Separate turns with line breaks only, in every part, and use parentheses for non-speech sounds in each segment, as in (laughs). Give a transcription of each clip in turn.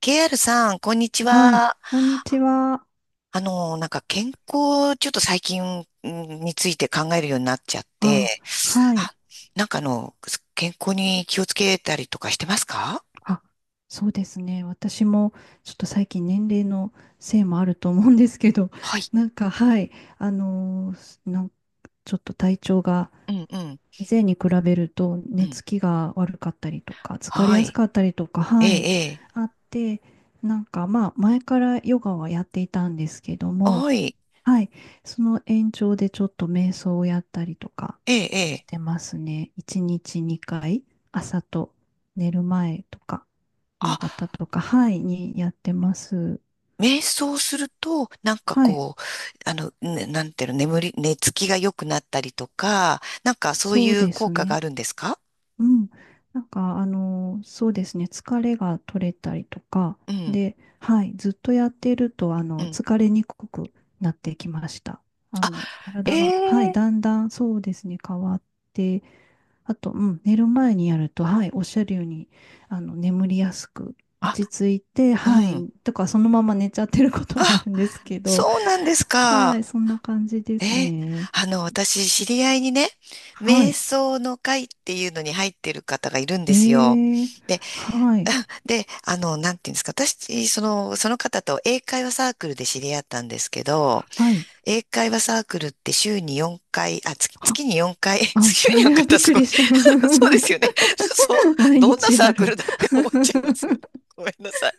KR さん、こんにち
はい、
は。
こんにちは。
なんか健康、ちょっと最近について考えるようになっちゃって、
あ、は
あ、
い。
なんかあの、健康に気をつけたりとかしてますか？
あ、そうですね。私もちょっと最近年齢のせいもあると思うんですけど、
はい。
(laughs) なんか、はい、あのーなんちょっと体調が
うん、うん、
以前に比べると
う
寝
ん。
つきが悪かったりとか、疲れ
は
やす
い。
かったりとか、
え
はい、
え、え
あって、なんかまあ前からヨガはやっていたんですけど
え。
も、
はい。
はい。その延長でちょっと瞑想をやったりとか
ええ、え
し
え。
てますね。1日2回、朝と寝る前とか、夕
あ、
方とか、はい、にやってます。
瞑想すると、なんか
はい。
こう、ねなんていうの、寝つきが良くなったりとか、なんかそうい
そう
う
で
効
す
果があ
ね。
るんですか？
うん。なんか、あの、そうですね、疲れが取れたりとか、
うん、
で、はい、ずっとやっていると、あ
う
の、
ん。
疲れにくくなってきました。あの、
え
体が、はい、
え。
だんだんそうですね、変わって、あと、うん、寝る前にやると、はい、おっしゃるように、あの、眠りやすく、
あ、
落ち着いて、
う
はい、
ん。
とか、そのまま寝ちゃってることもあ
あ、
るんですけど、
そうなんです
は
か。
い、そんな感じで
え
す
ー、
ね。
私、知り合いにね、
は
瞑
い。
想の会っていうのに入ってる方がいるん
え
ですよ。
ー、
で、
はい、
(laughs) で、なんていうんですか、私、その、その方と英会話サークルで知り合ったんですけど、
はい。
英会話サークルって週に4回、月に4回、(laughs)
あ、
週
あ
に4
れは
回っ
び
て
っ
す
く
ごい、
りした。
(laughs) そうですよね。(laughs) そう、
(laughs) 毎
どんな
日
サ
あ
ーク
る。
ルだって思っちゃいますよね。ごめんなさい。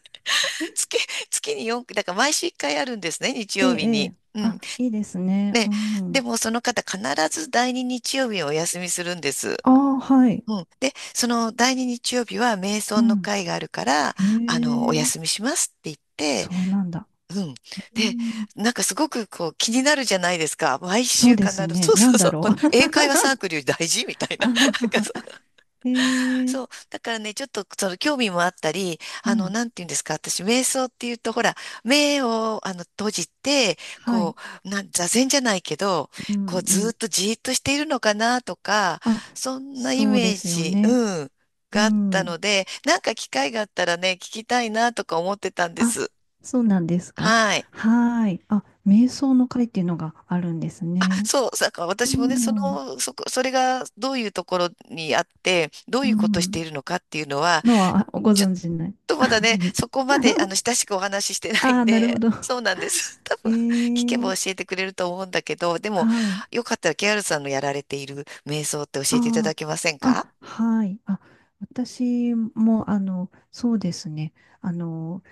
月、月に4回、だから毎週1回あるんですね、日
ええ、
曜日
え
に。
え。
う
あ、
ん。
いいですね。
ね、
う
で
ん。
もその方必ず第二日曜日をお休みするんです。
ああ、はい。
うん。で、その第二日曜日は瞑
う
想の
ん。
会があるから、
へ
お
え、
休みしますって言って、
そうなんだ。
うん。
う
で、
ん。
なんかすごくこう気になるじゃないですか。毎
そ
週
うで
必
す
ず、
ね。
そう
な
そ
ん
うそ
だ
う、
ろ
この
う。
英
(laughs)
会話サークルより大事みたいな。(laughs)
あは
なん
は
か
へえ、
そう。だからね、ちょっとその興味もあったり、
うん。
なんて言うんですか、私、瞑想っていうと、ほら、目を閉じて、
は
こ
い。
座禅じゃないけど、
う
こう、
ん、う
ずーっ
ん。
とじーっとしているのかなとか、
あ、
そんなイ
そう
メ
で
ー
すよ
ジ、
ね。
うん、
う
があった
ん。
ので、なんか機会があったらね、聞きたいなとか思ってたんで
あ、
す。
そうなんですか。
はい。
はーい。あ、瞑想の会っていうのがあるんです
あ、
ね。
そう、だから
う
私もね、
ん。
それがどういうところにあって、どう
う
いうことして
ん。
いるのかっていうのは、
のはご
ち
存知ない
とまだ
(laughs)
ね、
です。
そこまで
(laughs)
親しくお話ししてない
あ
ん
あ、なるほ
で、
ど。
そうなんです。(laughs) 多分、聞け
え
ば
え
教えてくれると思うんだけど、でも、
はい。
よかったら KR さんのやられている瞑想って教えていただ
あ
けません
あ、
か？
あ、はい。あ、私も、あの、そうですね。あの、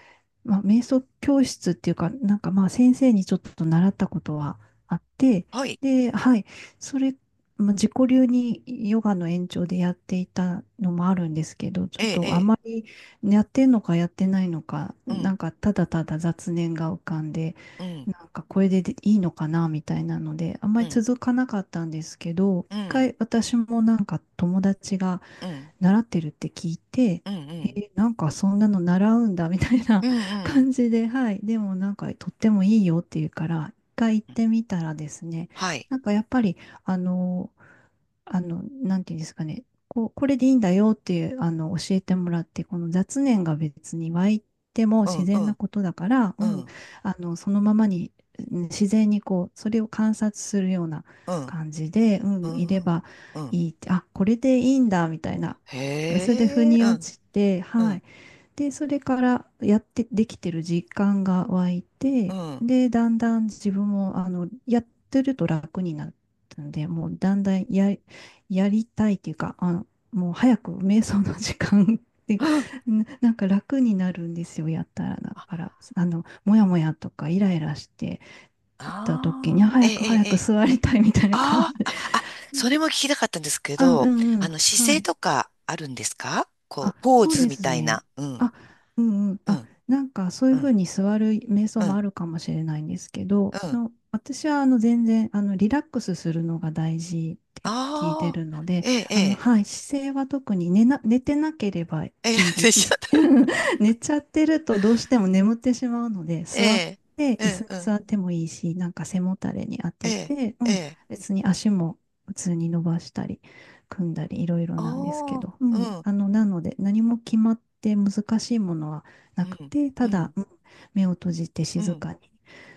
まあ、瞑想教室っていうか、なんかまあ先生にちょっと習ったことはあって、
はい。
で、はい、それ、まあ、自己流にヨガの延長でやっていたのもあるんですけど、ち
え
ょっ
え、え
とあま
え。
りやってんのかやってないのか、
う
な
ん、
んかただただ雑念が浮かんで、
うん、
なんかこれでいいのかなみたいなので、あんま
う
り
ん、
続かなかったんですけど、
う
一
ん、
回私もなんか友達が
うん、うん、
習ってるって聞いて、
う
え
ん、
ーなんかそんなの習うんだみたいな
う
(laughs)
ん、
感じで、はい。でもなんかとってもいいよっていうから、一回行っ
うん。
てみたらですね、
はい。
なんかやっぱり、あの、なんていうんですかね、こう、これでいいんだよっていう、あの、教えてもらって、この雑念が別に湧いても
う
自
ん、う
然な
ん、
ことだから、う
う
ん、
ん、
あの、そのままに、うん自然にこう、それを観察するような
うん、
感じで、う
う
ん、いれ
ん、うん。
ば
うん、
いいって、あ、これでいいんだ、みたいな、それで腑
へえ、う
に落
ん、
ちて、
う
は
ん、
い。で、それからやってできてる実感が湧い
う
て、
ん。
で、だんだん自分も、あの、やってると楽になったんで、もうだんだんや、やりたいっていうか、あの、もう早く瞑想の時間っていうか、
うん、
(laughs) んか楽になるんですよ、やったら。だ
あ
から、あの、もやもやとかイライラしてた時に、あ
あ、ー、え
早く
え、
早
え
く
え、
座りたいみたいな感
あ
じで、
あ、あ、あ、それも聞きたかったんですけ
あ、う
ど、
んうん、
姿
は
勢
い。
とかあるんですか？
あ、
こう、ポー
そう
ズ
で
み
す
たい
ね。
な。うん、
あ、うんうん。
う
あ、
ん、
なんかそうい
う
うふう
ん、
に座る瞑想
う
も
ん、
あるかもしれないんですけど、
うん。
の、私はあの全然あのリラックスするのが大事って聞いて
ああ、
るので、
ええ、え
あの、
え、
はい、姿勢は特に寝てなければい
ええ、
い
(laughs)
み、
で
い
しょ？
(laughs) 寝ちゃってるとどうしても眠ってしまうので、
え
座っ
え、
て、
え
椅子
え、
に
うん、
座ってもいいし、なんか背もたれに当
え
て
え、
て、う
え
ん、
え、
別に足も普通に伸ばしたり。組んだりいろいろなんですけ
あ
ど、う
あ、う
ん、
ん、
あの、なので何も決まって難しいものはな
う
く
ん、
て、
う
ただ、
ん、
うん、目を閉じて
う
静
ん、
かに、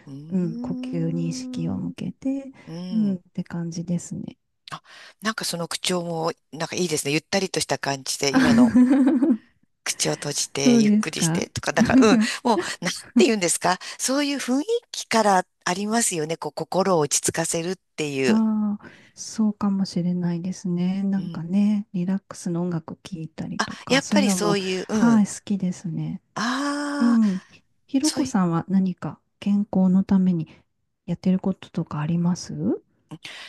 うー
うん、呼吸に意識を向
ん、
けて、
う
うん、っ
ん。
て感じですね。
あ、なんかその口調も、なんかいいですね。ゆったりとした感じで、今の。
(laughs)
口を閉じ
そ
て
う
ゆっ
で
く
す
りし
か。
てとか、なんか、うん、
(laughs)
もう、なんて言うんですか、そういう雰囲気からありますよね、こう、心を落ち着かせるっていう。
ああ、そうかもしれないですね。な
う
ん
ん、
かね、リラックスの音楽聴いたりと
や
か、
っ
そう
ぱ
いう
り
の
そ
も、
ういう、う
はい、
ん、
好きですね。う
ああ、
ん。ひひろ
そう
こ
いう、
さんは何か健康のためにやってることとかあります？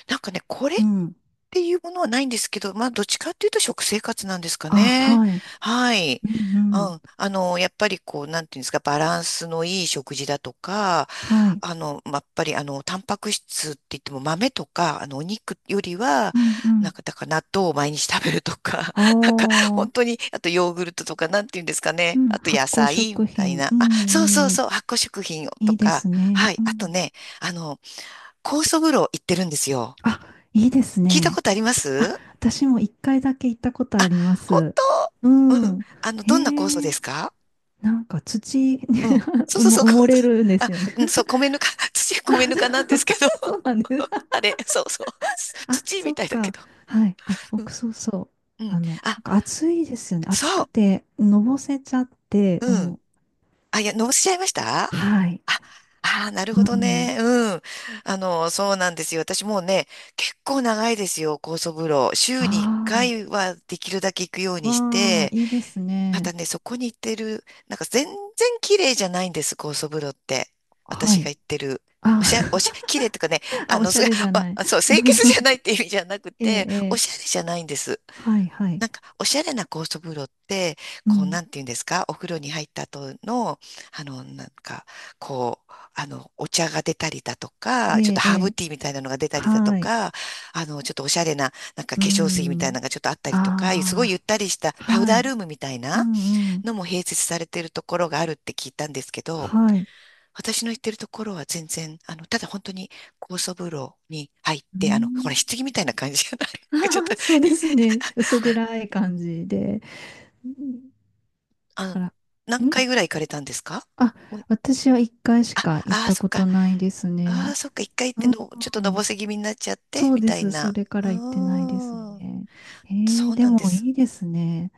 なんかね、これっ
うん。
ていうものはないんですけど、まあ、どっちかっていうと食生活なんですか
あ、
ね。
はい。
はい。
うんう
う
ん。
ん。やっぱりこう、なんていうんですか、バランスのいい食事だとか、
はい。
やっぱり、タンパク質って言っても豆とか、お肉よりは、
うんう
なん
ん。
か、だから納豆を毎日食べるとか、
あ
(laughs) なんか、
あ。
本当に、あとヨーグルトとか、なんていうんですか
う
ね。
ん。
あと
発
野
酵
菜み
食
たい
品。
な。
う
あ、そうそう
んうん。
そう、発酵食品をと
いいで
か、
すね。
はい。
う
あと
ん。
ね、あの、酵素風呂行ってるんですよ。
あ、いいです
聞いたこ
ね。
とありま
あ、
す？
私も一回だけ行ったことありま
本
す。う
当？うん。
ん。
あの、どんな酵素
へ
で
え。
すか？
なんか土に
うん。
(laughs)
そうそうそう。(laughs)
埋
酵
もれ
素、
るんです
あ、
よね。
米ぬか、(laughs) 米ぬかなんで
あ、
すけど。
そう (laughs) そうなんです。
(laughs) あれ、そうそう。(laughs)
あ、
土み
そっ
たいだけ
か。
ど。
はい。あ、
う
僕、
ん。
そうそう。
うん。
あの、な
あ、
んか暑いですよね。暑く
そ
て、のぼせちゃって、
う。
う
うん。
ん。
あ、いや、のぼせちゃいましたあ、
はい。
あー、なる
う
ほど
ん。
ね。うん。そうなんですよ。私もうね、結構長いですよ、酵素風呂。週に1
あ
回はできるだけ行くよう
あ、
にし
わあ、
て、
いいです
ま
ね。
たね、そこに行ってる、なんか全然綺麗じゃないんです、高層風呂って。
は
私が
い。
行ってる。
あ、
おしゃ、おしゃ、綺麗
(laughs)
とかね、
あ、
あ
お
の、
し
そ
ゃ
れ、
れじゃ
(laughs)
ない。
あ、そう、清潔じゃないって意味じゃなく
(laughs) ええ、
て、
え
お
え。
しゃれじゃないんです。
はい、はい。
なんか、おしゃれな高層風呂って、
う
こう、
ん。
なんていうんですか、お風呂に入った後の、あの、なんか、お茶が出たりだと
え
か、ちょっと
え、え
ハーブ
え。
ティーみたいなのが出たりだと
はい。
か、ちょっとおしゃれな、なんか
う
化粧水みたい
ん。
なのがちょっとあったりとか、すごいゆっ
あ
たりした
あ、
パウ
は
ダール
い。
ームみたい
う
な
ん、うん。
のも併設されているところがあるって聞いたんですけど、
はい。
私の行ってるところは全然、ただ本当に高層風呂に入っ
う
て、ほら、
ん。
棺みたいな感じじゃない？ (laughs) ちょっと
(laughs)
い、
そうですね。薄暗い感じで。うん
あ
あ
の、
ら、
何
ん
回ぐらい行かれたんですか？
あ、
もう、
私は一回しか行っ
ああ、
た
そっ
こ
か。
とないです
ああ、
ね。
そっか。一回行っての、ちょっと
う
のぼ
ん
せ気味になっちゃって、
そう
み
で
たい
す。そ
な。
れか
う
ら行ってないです
ーん。
ね。え
そ
ー、
う
で
なんで
も
す。
いいですね。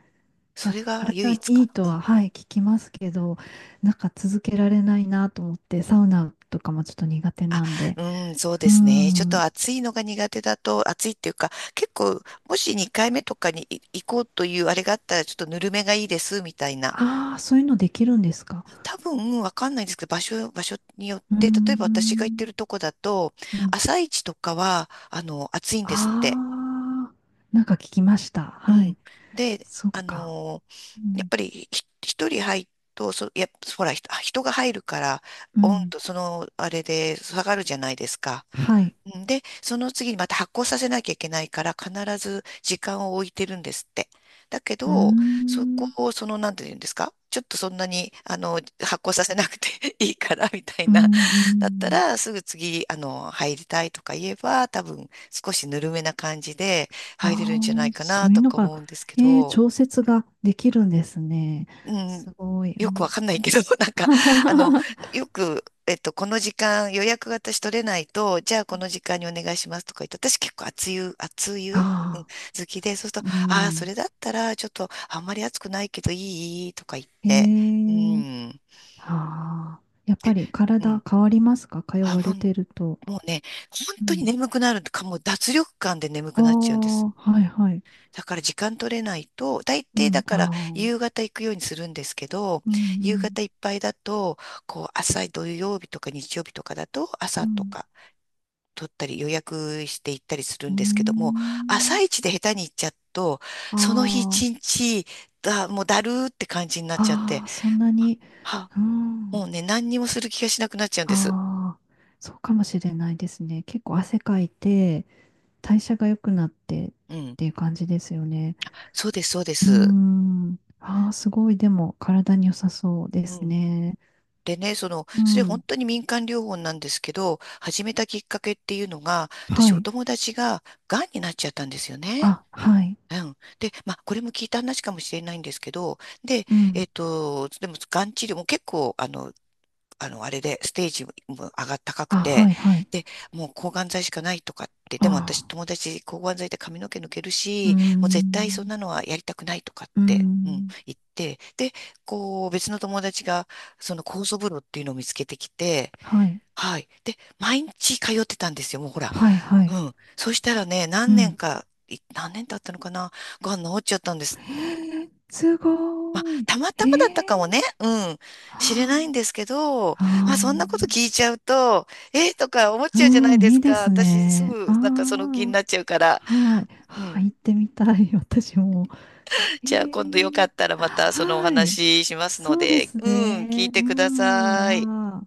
そ
な、
れが唯
体に
一
い
か
いと
な。
は、はい、聞きますけど、なんか続けられないなと思って、サウナとかもちょっと苦手
あ、
なんで。
うん、そうで
う
すね。ちょっと
ん。
暑いのが苦手だと、暑いっていうか、結構、もし2回目とかに行こうというあれがあったら、ちょっとぬるめがいいです、みたいな。
ああ、そういうのできるんですか。
多分、わかんないんですけど、場所によっ
うー
て、例えば私が行ってる
ん。
とこだと、
うん。
朝一とかは、暑いんですって。
ああ、なんか聞きました。
う
は
ん。
い。
で、
そっ
あ
か。
の、
う
やっ
ん
ぱり、一人入ると、やっぱ、ほら、人が入るから、
う
温
ん。
度、その、あれで下がるじゃないですか。
はい。
うんで、その次にまた発酵させなきゃいけないから、必ず時間を置いてるんですって。だけ
うー
ど、そこ
ん。
を、その、なんて言うんですか、ちょっとそんなに、発酵させなくて (laughs) いいから、みたい
う
な。
ん、う
だった
ん。
ら、すぐ次、あの、入りたいとか言えば、多分、少しぬるめな感じで
あ
入れるんじゃない
あ、
か
そ
な、
ういう
と
の
か
が、
思うんですけ
えー、
ど。
調節ができるんですね。
うん、
すごい。う
よくわ
ん
かんないけど、(laughs) なんか、あの、
(laughs)
よく、えっと、この時間予約が私取れないと、じゃあこの時間にお願いしますとか言って、私結構熱湯、うん、
ああ、
好きで、そうすると、
う
ああ、それ
ん。
だったら、ちょっと、あんまり熱くないけどいいとか言っ
へ
て、う
え。
ん、
ああ。やっぱり
う
体
ん。
変わりますか？通
あ、
わ
も
れてると。
う、もうね、本
う
当に
ん。
眠くなるとか、もう脱力感で眠
あ
くなっちゃうんです。
あ、はいはい。
だから時間取れないと、大
う
抵だ
ん。
から
あ
夕
あ。
方行くようにするんですけど、
うんう
夕
ん。
方いっぱいだと、こう朝土曜日とか日曜日とかだと
う
朝と
ん。
か取ったり予約して行ったりする
うー
んですけども、朝
ん。
一で下手に行っちゃうと、その日
あ
一日もうだるーって感じになっちゃっ
あ。
て、
ああ、そんなに。
は、
うん。
もうね、何にもする気がしなくなっちゃうんです。
ああ、そうかもしれないですね。結構汗かいて、代謝が良くなってっ
うん。
ていう感じですよね。
そうです、そうで
うー
す。
ん。ああ、すごい。でも、体に良さそうで
う
す
ん。
ね。
でね、
う
それ本
ん。
当に民間療法なんですけど、始めたきっかけっていうのが、
は
私お
い。
友達が癌になっちゃったんですよね。
あ、はい。
うん。で、まあ、これも聞いた話かもしれないんですけど、で、
う
え
ん。
っと、でも、がん治療も結構、あれで、ステージも高く
あ、
て、
はい、はい。
で、もう抗がん剤しかないとかって、
あ
でも私
あ。
友達抗がん剤で髪の毛抜ける
うー
し、もう絶対そん
ん。
なのはやりたくないとかっ
うー
て、うん、
ん。
言って、で、こう、別の友達が、その酵素風呂っていうのを見つけてきて、
はい。
はい。で、毎日通ってたんですよ、もうほら。
はい、は
う
い。
ん。そしたらね、
うん。
何年経ったのかな、がん治っちゃったんで
え
す。
ー、す
まあ、
ごい。
たま
え
たまだっ
ー、
たかもね。うん。
は
知れないんですけど、まあ、
ああ
そんなこと聞いちゃうと、えーとか思っ
ー。
ちゃうじゃな
う
い
ん、
で
い
す
いで
か。
す
私、す
ね。
ぐ、
あ
なんかその気に
あ。
なっちゃうから。
はい。
う
は
ん。
い、行ってみたい、(laughs) 私も。え
じゃあ、今度よか
ー、
ったらまたそのお
はい。
話ししますの
そうで
で、
す
うん、聞い
ね。う
てください。
ん。あ